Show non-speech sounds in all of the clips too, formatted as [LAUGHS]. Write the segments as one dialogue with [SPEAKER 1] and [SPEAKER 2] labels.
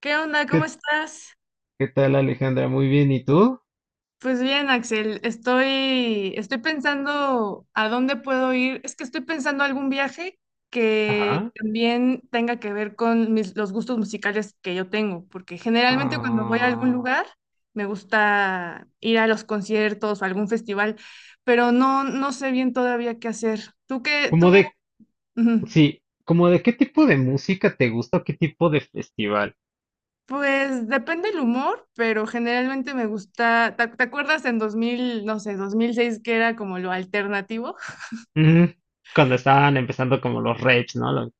[SPEAKER 1] ¿Qué onda? ¿Cómo
[SPEAKER 2] ¿Qué,
[SPEAKER 1] estás?
[SPEAKER 2] qué tal, Alejandra? Muy bien, ¿y tú?
[SPEAKER 1] Pues bien, Axel, estoy pensando a dónde puedo ir. Es que estoy pensando algún viaje que
[SPEAKER 2] Ajá.
[SPEAKER 1] también tenga que ver con los gustos musicales que yo tengo, porque generalmente cuando voy a algún
[SPEAKER 2] Ah,
[SPEAKER 1] lugar me gusta ir a los conciertos o algún festival, pero no sé bien todavía qué hacer. ¿Tú qué?
[SPEAKER 2] ¿cómo
[SPEAKER 1] ¿Tú?
[SPEAKER 2] de,
[SPEAKER 1] Ujú.
[SPEAKER 2] sí, como de qué tipo de música te gusta o qué tipo de festival?
[SPEAKER 1] Pues depende el humor, pero generalmente me gusta, te acuerdas en 2000 no sé, 2006 que era como lo alternativo?
[SPEAKER 2] Mm, cuando estaban empezando como los raves, ¿no?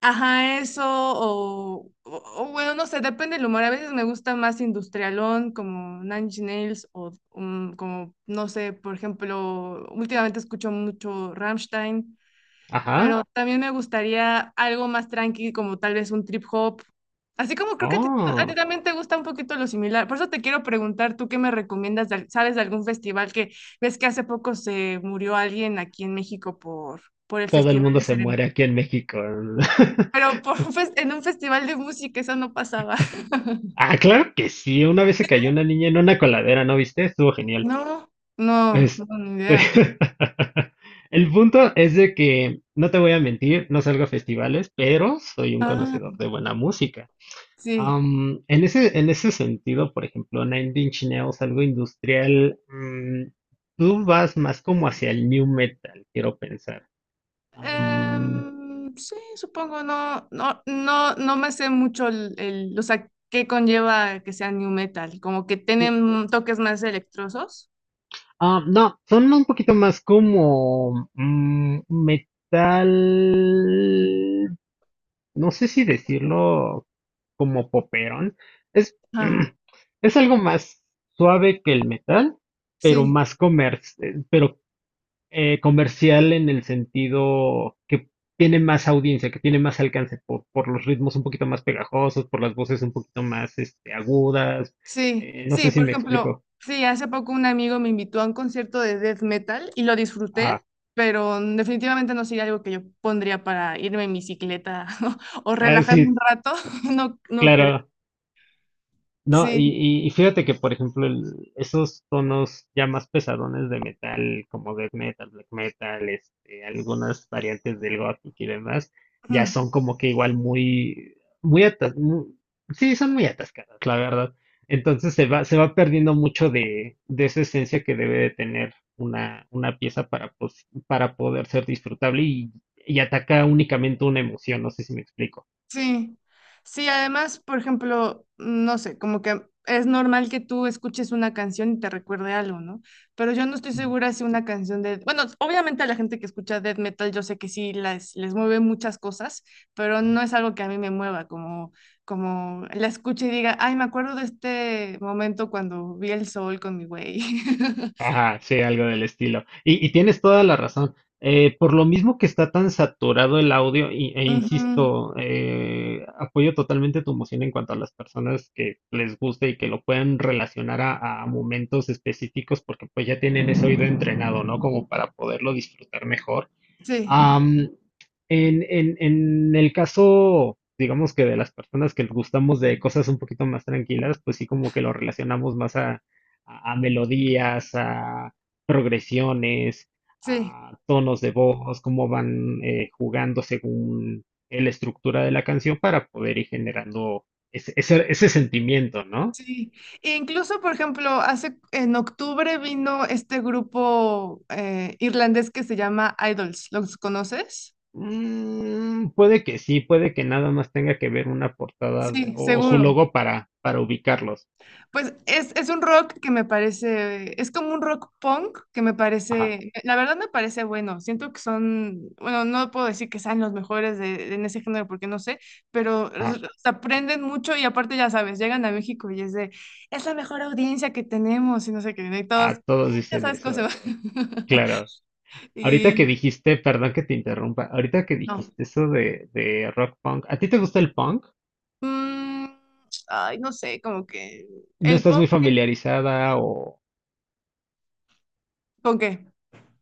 [SPEAKER 1] Ajá, eso, o bueno, no sé, depende el humor. A veces me gusta más industrialón, como Nine Inch Nails, o como, no sé, por ejemplo, últimamente escucho mucho Rammstein.
[SPEAKER 2] Ajá.
[SPEAKER 1] Pero también me gustaría algo más tranqui, como tal vez un trip hop. Así como creo que a ti
[SPEAKER 2] Oh,
[SPEAKER 1] también te gusta un poquito lo similar. Por eso te quiero preguntar, ¿tú qué me recomiendas? ¿Sabes de algún festival que ves que hace poco se murió alguien aquí en México por el
[SPEAKER 2] todo el
[SPEAKER 1] festival
[SPEAKER 2] mundo
[SPEAKER 1] de
[SPEAKER 2] se muere aquí en México.
[SPEAKER 1] Pero
[SPEAKER 2] [LAUGHS]
[SPEAKER 1] por en un festival de música eso no pasaba. [LAUGHS]
[SPEAKER 2] Ah, claro que sí. Una vez se cayó una niña en una coladera, ¿no viste? Estuvo genial.
[SPEAKER 1] No, no,
[SPEAKER 2] Este,
[SPEAKER 1] no, ni idea.
[SPEAKER 2] [LAUGHS] El punto es de que, no te voy a mentir, no salgo a festivales, pero soy un
[SPEAKER 1] Ah,
[SPEAKER 2] conocedor de buena música.
[SPEAKER 1] sí.
[SPEAKER 2] En ese sentido, por ejemplo, Nine Inch Nails, algo industrial, tú vas más como hacia el new metal, quiero pensar. Am,
[SPEAKER 1] Sí, supongo, no me sé mucho o sea, qué conlleva que sea new metal, como que tienen toques más electrosos.
[SPEAKER 2] no, son un poquito más como metal, no sé si decirlo como poperón. Es, [CLEARS THROAT]
[SPEAKER 1] Ah,
[SPEAKER 2] mm, es algo más suave que el metal, pero
[SPEAKER 1] sí,
[SPEAKER 2] pero comercial en el sentido que tiene más audiencia, que tiene más alcance por los ritmos un poquito más pegajosos, por las voces un poquito más agudas.
[SPEAKER 1] sí,
[SPEAKER 2] No
[SPEAKER 1] sí,
[SPEAKER 2] sé si
[SPEAKER 1] por
[SPEAKER 2] me
[SPEAKER 1] ejemplo,
[SPEAKER 2] explico.
[SPEAKER 1] sí, hace poco un amigo me invitó a un concierto de death metal y lo disfruté,
[SPEAKER 2] Ajá.
[SPEAKER 1] pero definitivamente no sería algo que yo pondría para irme en bicicleta [LAUGHS] o
[SPEAKER 2] Ah,
[SPEAKER 1] relajarme un
[SPEAKER 2] sí,
[SPEAKER 1] rato, [LAUGHS] no, no creo.
[SPEAKER 2] claro. No,
[SPEAKER 1] Sí.
[SPEAKER 2] y, y, y fíjate que, por ejemplo, esos tonos ya más pesadones de metal, como death metal, black metal, este, algunas variantes del gothic y demás, ya son como que igual muy atas, mu- sí, son muy atascadas, la verdad. Entonces se va perdiendo mucho de esa esencia que debe de tener una pieza para, para poder ser disfrutable y ataca únicamente una emoción, no sé si me explico.
[SPEAKER 1] Sí, sí, además, por ejemplo, no sé, como que es normal que tú escuches una canción y te recuerde algo, ¿no? Pero yo no estoy segura si una canción de, bueno, obviamente a la gente que escucha death metal yo sé que sí les mueve muchas cosas, pero no es algo que a mí me mueva, como la escuche y diga, ay, me acuerdo de este momento cuando vi el sol con mi güey. [LAUGHS]
[SPEAKER 2] Ajá, sí, algo del estilo. Y tienes toda la razón. Por lo mismo que está tan saturado el audio, e
[SPEAKER 1] Ujú,
[SPEAKER 2] insisto, apoyo totalmente tu emoción en cuanto a las personas que les guste y que lo puedan relacionar a momentos específicos, porque pues ya tienen ese oído entrenado, ¿no? Como para poderlo disfrutar mejor.
[SPEAKER 1] sí,
[SPEAKER 2] Am, en el caso, digamos que de las personas que gustamos de cosas un poquito más tranquilas, pues sí como que lo relacionamos más a, a melodías, a progresiones,
[SPEAKER 1] sí.
[SPEAKER 2] a tonos de voz, cómo van jugando según la estructura de la canción para poder ir generando ese sentimiento, ¿no?
[SPEAKER 1] Sí, e incluso por ejemplo, hace en octubre vino este grupo irlandés que se llama Idols, ¿los conoces?
[SPEAKER 2] Mm, puede que sí, puede que nada más tenga que ver una portada
[SPEAKER 1] Sí,
[SPEAKER 2] o su
[SPEAKER 1] seguro.
[SPEAKER 2] logo para ubicarlos.
[SPEAKER 1] Es un rock que me parece, es como un rock punk que me
[SPEAKER 2] Ajá.
[SPEAKER 1] parece, la verdad me parece bueno, siento que son, bueno, no puedo decir que sean los mejores en ese género porque no sé, pero
[SPEAKER 2] Ah,
[SPEAKER 1] se aprenden mucho y aparte ya sabes, llegan a México y es de, es la mejor audiencia que tenemos y no sé qué, y
[SPEAKER 2] ah,
[SPEAKER 1] todos,
[SPEAKER 2] todos
[SPEAKER 1] ya
[SPEAKER 2] dicen
[SPEAKER 1] sabes cómo se va.
[SPEAKER 2] eso,
[SPEAKER 1] [LAUGHS]
[SPEAKER 2] claro. Ahorita que
[SPEAKER 1] Y
[SPEAKER 2] dijiste, perdón que te interrumpa, ahorita que
[SPEAKER 1] no.
[SPEAKER 2] dijiste eso de rock punk, ¿a ti te gusta el punk?
[SPEAKER 1] Mm, ay, no sé, como que
[SPEAKER 2] ¿No
[SPEAKER 1] el
[SPEAKER 2] estás
[SPEAKER 1] punk,
[SPEAKER 2] muy
[SPEAKER 1] sí,
[SPEAKER 2] familiarizada o
[SPEAKER 1] ¿con qué?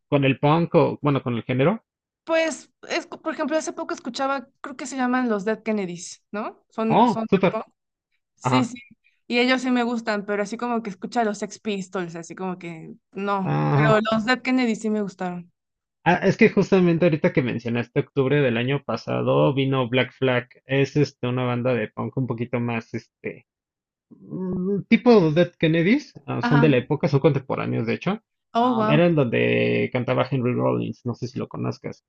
[SPEAKER 2] con el punk o, bueno, con el género?
[SPEAKER 1] Pues, por ejemplo, hace poco escuchaba, creo que se llaman los Dead Kennedys, ¿no? Son, son
[SPEAKER 2] Oh,
[SPEAKER 1] de
[SPEAKER 2] súper.
[SPEAKER 1] punk. Sí,
[SPEAKER 2] Ajá.
[SPEAKER 1] sí. Y ellos sí me gustan, pero así como que escucha los Sex Pistols, así como que no. Pero
[SPEAKER 2] Ajá.
[SPEAKER 1] los Dead Kennedys sí me gustaron.
[SPEAKER 2] Ah, es que justamente ahorita que mencionaste octubre del año pasado vino Black Flag. Es este una banda de punk un poquito más este, tipo Dead Kennedys, ah, son
[SPEAKER 1] Ajá.
[SPEAKER 2] de la época, son contemporáneos de hecho.
[SPEAKER 1] Oh, wow.
[SPEAKER 2] Eran donde cantaba Henry Rollins, no sé si lo conozcas.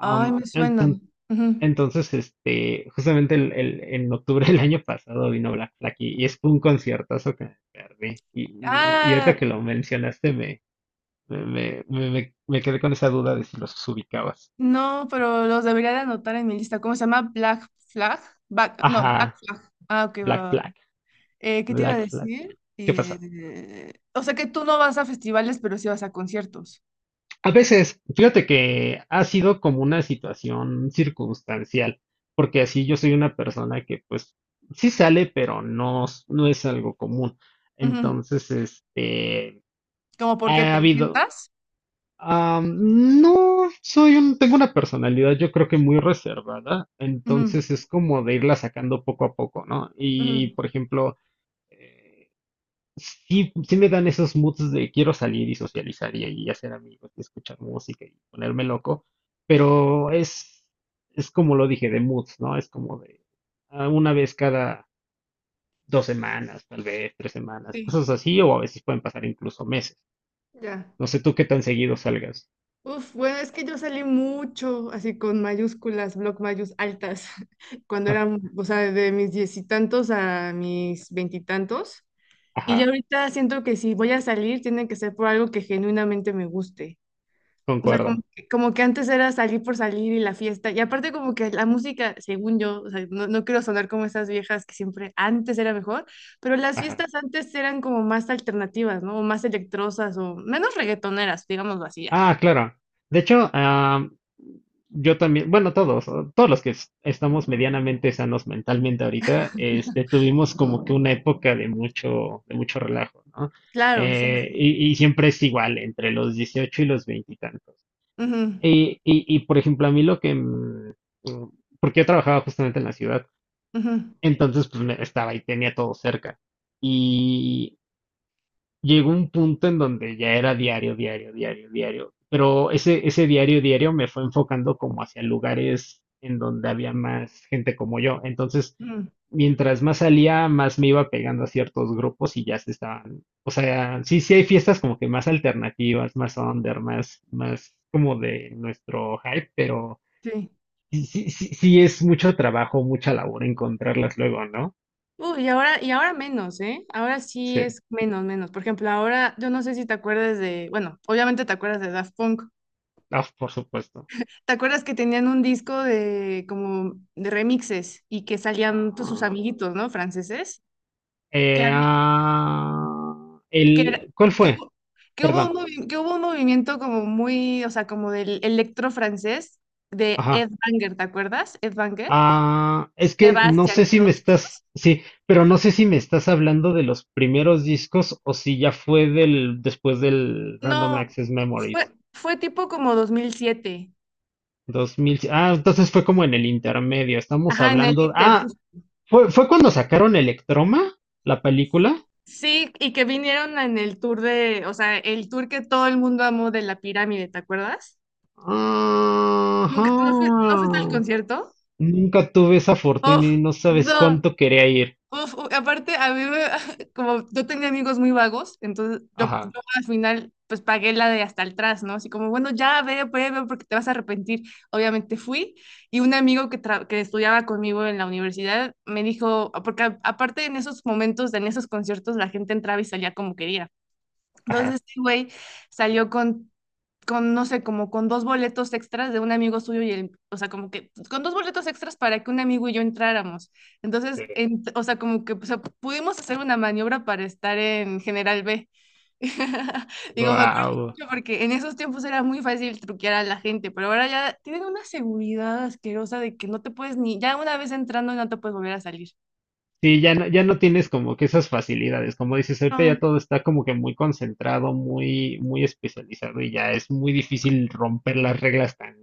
[SPEAKER 1] Ay, me suena.
[SPEAKER 2] enton-
[SPEAKER 1] Ujú.
[SPEAKER 2] entonces, este, justamente en octubre del año pasado vino Black Flag y es un conciertazo que me perdí. Y ahorita
[SPEAKER 1] Ah,
[SPEAKER 2] que lo mencionaste me quedé con esa duda de si los ubicabas.
[SPEAKER 1] no, pero los debería de anotar en mi lista. ¿Cómo se llama? Black Flag. Back, no, Black
[SPEAKER 2] Ajá,
[SPEAKER 1] Flag. Ah, ok, va. Va,
[SPEAKER 2] Black
[SPEAKER 1] va.
[SPEAKER 2] Flag,
[SPEAKER 1] ¿Qué te iba a
[SPEAKER 2] Black Flag.
[SPEAKER 1] decir?
[SPEAKER 2] ¿Qué pasa?
[SPEAKER 1] O sea que tú no vas a festivales, pero sí vas a conciertos.
[SPEAKER 2] A veces, fíjate que ha sido como una situación circunstancial, porque así yo soy una persona que pues sí sale, pero no es algo común.
[SPEAKER 1] Ujú.
[SPEAKER 2] Entonces, este,
[SPEAKER 1] ¿Cómo por qué te
[SPEAKER 2] ha habido,
[SPEAKER 1] encantas?
[SPEAKER 2] no soy un, tengo una personalidad yo creo que muy reservada, entonces es como de irla sacando poco a poco, ¿no? Y por ejemplo, eh, sí me dan esos moods de quiero salir y socializar y hacer amigos y escuchar música y ponerme loco, pero es como lo dije, de moods, ¿no? Es como de una vez cada dos semanas, tal vez tres semanas,
[SPEAKER 1] Sí,
[SPEAKER 2] cosas así, o a veces pueden pasar incluso meses.
[SPEAKER 1] ya.
[SPEAKER 2] No sé tú qué tan seguido salgas.
[SPEAKER 1] Uf, bueno, es que yo salí mucho así con mayúsculas, bloc mayús altas, [LAUGHS] cuando
[SPEAKER 2] [LAUGHS]
[SPEAKER 1] eran, o sea, de mis diez y tantos a mis veintitantos. Y, tantos. Y ya
[SPEAKER 2] Ajá,
[SPEAKER 1] ahorita siento que si voy a salir, tiene que ser por algo que genuinamente me guste. O sea,
[SPEAKER 2] concuerdo.
[SPEAKER 1] como que antes era salir por salir y la fiesta. Y aparte como que la música, según yo, o sea, no quiero sonar como esas viejas que siempre antes era mejor, pero las
[SPEAKER 2] Ajá.
[SPEAKER 1] fiestas antes eran como más alternativas, ¿no? O más electrosas o menos reggaetoneras, digámoslo así ya.
[SPEAKER 2] Ah, claro. De hecho, yo también, bueno, todos, o todos los que estamos medianamente sanos mentalmente ahorita, este, tuvimos como que una época de mucho relajo, ¿no?
[SPEAKER 1] Claro, sí.
[SPEAKER 2] Eh,
[SPEAKER 1] sí.
[SPEAKER 2] y, y siempre es igual, entre los 18 y los 20 y tantos.
[SPEAKER 1] Ujú,
[SPEAKER 2] Y por ejemplo, a mí lo que, mm, porque yo trabajaba justamente en la ciudad,
[SPEAKER 1] ujú,
[SPEAKER 2] entonces estaba y tenía todo cerca llegó un punto en donde ya era diario, diario, diario, diario. Pero ese diario, diario me fue enfocando como hacia lugares en donde había más gente como yo. Entonces,
[SPEAKER 1] ujú,
[SPEAKER 2] mientras más salía, más me iba pegando a ciertos grupos y ya se estaban. O sea, sí hay fiestas como que más alternativas, más under, más como de nuestro hype, pero
[SPEAKER 1] sí.
[SPEAKER 2] sí, es mucho trabajo, mucha labor encontrarlas luego, ¿no?
[SPEAKER 1] Uy, y ahora menos, ¿eh? Ahora sí
[SPEAKER 2] Sí,
[SPEAKER 1] es menos. Por ejemplo, ahora yo no sé si te acuerdas de, bueno, obviamente te acuerdas de Daft Punk.
[SPEAKER 2] ah, por supuesto.
[SPEAKER 1] ¿Te acuerdas que tenían un disco de como de remixes y que salían pues, sus
[SPEAKER 2] Ah,
[SPEAKER 1] amiguitos, ¿no? Franceses, que,
[SPEAKER 2] Eh,
[SPEAKER 1] había-
[SPEAKER 2] ah,
[SPEAKER 1] que, era-
[SPEAKER 2] ¿Cuál
[SPEAKER 1] que
[SPEAKER 2] fue?
[SPEAKER 1] hubo, que hubo un
[SPEAKER 2] Perdón.
[SPEAKER 1] movimiento como muy, o sea, como del electro francés de
[SPEAKER 2] Ajá.
[SPEAKER 1] Ed Banger, ¿te acuerdas? Ed Banger,
[SPEAKER 2] Ah, es que no
[SPEAKER 1] Sebastián
[SPEAKER 2] sé
[SPEAKER 1] y
[SPEAKER 2] si me
[SPEAKER 1] todos estos.
[SPEAKER 2] estás, sí, pero no sé si me estás hablando de los primeros discos o si ya fue después del Random
[SPEAKER 1] No,
[SPEAKER 2] Access Memories.
[SPEAKER 1] fue tipo como 2007.
[SPEAKER 2] 2000, ah, entonces fue como en el intermedio. Estamos
[SPEAKER 1] Ajá, en el
[SPEAKER 2] hablando,
[SPEAKER 1] Inter.
[SPEAKER 2] fue cuando sacaron Electroma, la película.
[SPEAKER 1] Sí, y que vinieron en el tour de, o sea, el tour que todo el mundo amó de la pirámide, ¿te acuerdas?
[SPEAKER 2] Ajá.
[SPEAKER 1] ¿Nunca, no, no fuiste al concierto?
[SPEAKER 2] Nunca tuve esa
[SPEAKER 1] Oh,
[SPEAKER 2] fortuna y no sabes
[SPEAKER 1] no.
[SPEAKER 2] cuánto quería ir.
[SPEAKER 1] Uf, aparte, [LAUGHS] como yo tenía amigos muy vagos, entonces
[SPEAKER 2] Ajá,
[SPEAKER 1] yo al final pues pagué la de hasta atrás, ¿no? Así como, bueno, ya ve, ve, ve, porque te vas a arrepentir. Obviamente fui y un amigo que estudiaba conmigo en la universidad me dijo, porque aparte en esos momentos, en esos conciertos, la gente entraba y salía como quería. Entonces,
[SPEAKER 2] ajá.
[SPEAKER 1] este güey salió con no sé, como con dos boletos extras de un amigo suyo y el, o sea, como que con dos boletos extras para que un amigo y yo entráramos. Entonces,
[SPEAKER 2] Sí.
[SPEAKER 1] o sea, como que o sea, pudimos hacer una maniobra para estar en General B. [LAUGHS] Digo, me acuerdo
[SPEAKER 2] Wow.
[SPEAKER 1] mucho porque en esos tiempos era muy fácil truquear a la gente, pero ahora ya tienen una seguridad asquerosa de que no te puedes ni, ya una vez entrando no te puedes volver a salir.
[SPEAKER 2] Sí, ya no tienes como que esas facilidades. Como dices, ahorita ya
[SPEAKER 1] No,
[SPEAKER 2] todo está como que muy concentrado, muy especializado y ya es muy difícil romper las reglas tan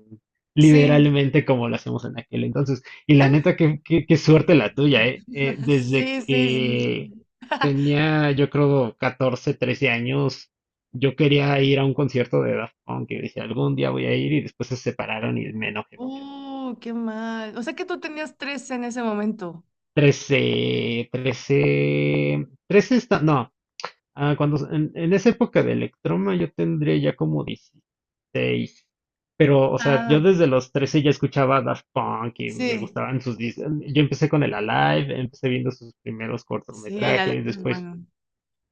[SPEAKER 1] sí.
[SPEAKER 2] liberalmente como lo hacemos en aquel entonces. Y la neta,
[SPEAKER 1] [LAUGHS]
[SPEAKER 2] qué suerte la tuya, ¿eh? Desde
[SPEAKER 1] Sí, sí, sí. sí.
[SPEAKER 2] que tenía, yo creo, 14, 13 años, yo quería ir a un concierto de Daft Punk y decía, algún día voy a ir y después se separaron y me enojé
[SPEAKER 1] Oh, qué mal. O sea que tú tenías tres en ese momento.
[SPEAKER 2] trece está, no, en esa época de Electroma yo tendría ya como 16, pero, o sea,
[SPEAKER 1] Ah,
[SPEAKER 2] yo desde los 13 ya escuchaba Daft Punk y me
[SPEAKER 1] sí,
[SPEAKER 2] gustaban sus discos, yo empecé con el Alive, empecé viendo sus primeros
[SPEAKER 1] sí, el
[SPEAKER 2] cortometrajes,
[SPEAKER 1] alambre es
[SPEAKER 2] después,
[SPEAKER 1] bueno.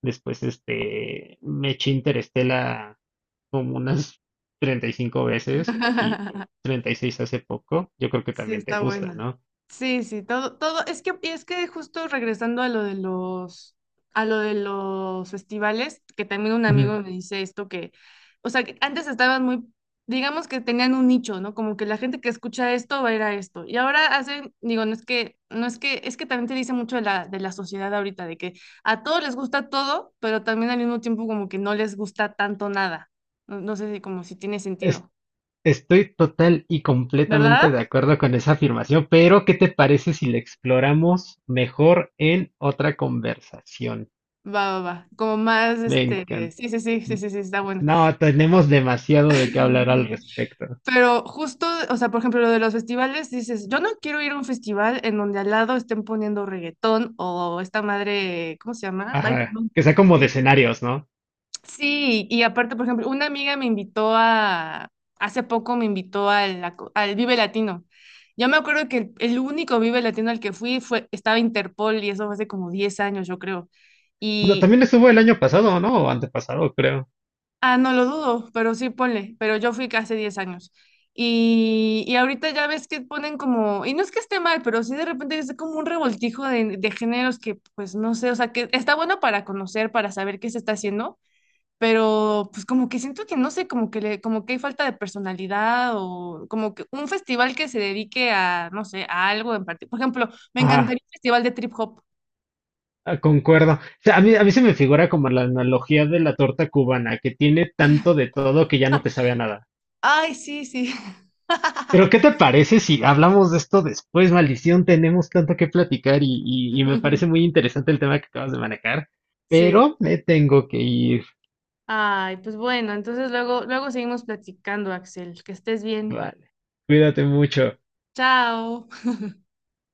[SPEAKER 2] después, este, me eché Interestela como unas 35 veces y
[SPEAKER 1] [LAUGHS]
[SPEAKER 2] 36 hace poco, yo creo que
[SPEAKER 1] Sí,
[SPEAKER 2] también te
[SPEAKER 1] está
[SPEAKER 2] gusta,
[SPEAKER 1] buena.
[SPEAKER 2] ¿no?
[SPEAKER 1] Sí, sí, todo, todo, es que justo regresando a lo de los, a lo de los festivales, que también un
[SPEAKER 2] Ujú.
[SPEAKER 1] amigo me dice esto que, o sea, que antes estaban muy, digamos que tenían un nicho, ¿no? Como que la gente que escucha esto va a ir a esto. Y ahora hacen, digo, no es que, no es que, es que también te dice mucho de de la sociedad ahorita, de que a todos les gusta todo, pero también al mismo tiempo como que no les gusta tanto nada. No, no sé si como si tiene sentido,
[SPEAKER 2] Estoy total y completamente
[SPEAKER 1] ¿verdad?
[SPEAKER 2] de acuerdo con esa afirmación, pero ¿qué te parece si la exploramos mejor en otra conversación?
[SPEAKER 1] Va, va, va. Como más,
[SPEAKER 2] Me
[SPEAKER 1] este,
[SPEAKER 2] encanta.
[SPEAKER 1] sí, sí, sí, sí, sí, sí, está bueno.
[SPEAKER 2] No, tenemos demasiado de qué hablar al
[SPEAKER 1] [LAUGHS]
[SPEAKER 2] respecto.
[SPEAKER 1] Pero justo, o sea, por ejemplo, lo de los festivales, dices, yo no quiero ir a un festival en donde al lado estén poniendo reggaetón o esta madre, ¿cómo se llama? Ay,
[SPEAKER 2] Ajá,
[SPEAKER 1] perdón.
[SPEAKER 2] que sea como
[SPEAKER 1] Eh,
[SPEAKER 2] de escenarios, ¿no?
[SPEAKER 1] Sí, y aparte, por ejemplo, una amiga me invitó a, hace poco me invitó al Vive Latino. Yo me acuerdo que el único Vive Latino al que fui fue, estaba Interpol y eso fue hace como 10 años, yo creo.
[SPEAKER 2] No, también estuvo el año pasado, ¿no? O antepasado, creo.
[SPEAKER 1] Ah, no lo dudo, pero sí ponle, pero yo fui hace 10 años. Y ahorita ya ves que ponen como, y no es que esté mal, pero sí de repente es como un revoltijo de géneros que pues no sé, o sea, que está bueno para conocer, para saber qué se está haciendo, pero pues como que siento que no sé, como que le, como que hay falta de personalidad o como que un festival que se dedique a, no sé, a algo en particular. Por ejemplo, me
[SPEAKER 2] Ajá,
[SPEAKER 1] encantaría un festival de trip hop.
[SPEAKER 2] ah, concuerdo. O sea, a mí se me figura como la analogía de la torta cubana, que tiene tanto de todo que ya no te sabe a nada.
[SPEAKER 1] Ay, sí, sí. [LAUGHS]
[SPEAKER 2] Pero ¿qué te parece si hablamos de esto después? Maldición, tenemos tanto que platicar y me parece muy interesante el tema que acabas de manejar,
[SPEAKER 1] Sí.
[SPEAKER 2] pero me tengo que ir.
[SPEAKER 1] Ay, pues bueno, entonces luego, luego seguimos platicando, Axel. Que estés bien.
[SPEAKER 2] Vale, cuídate mucho.
[SPEAKER 1] Chao.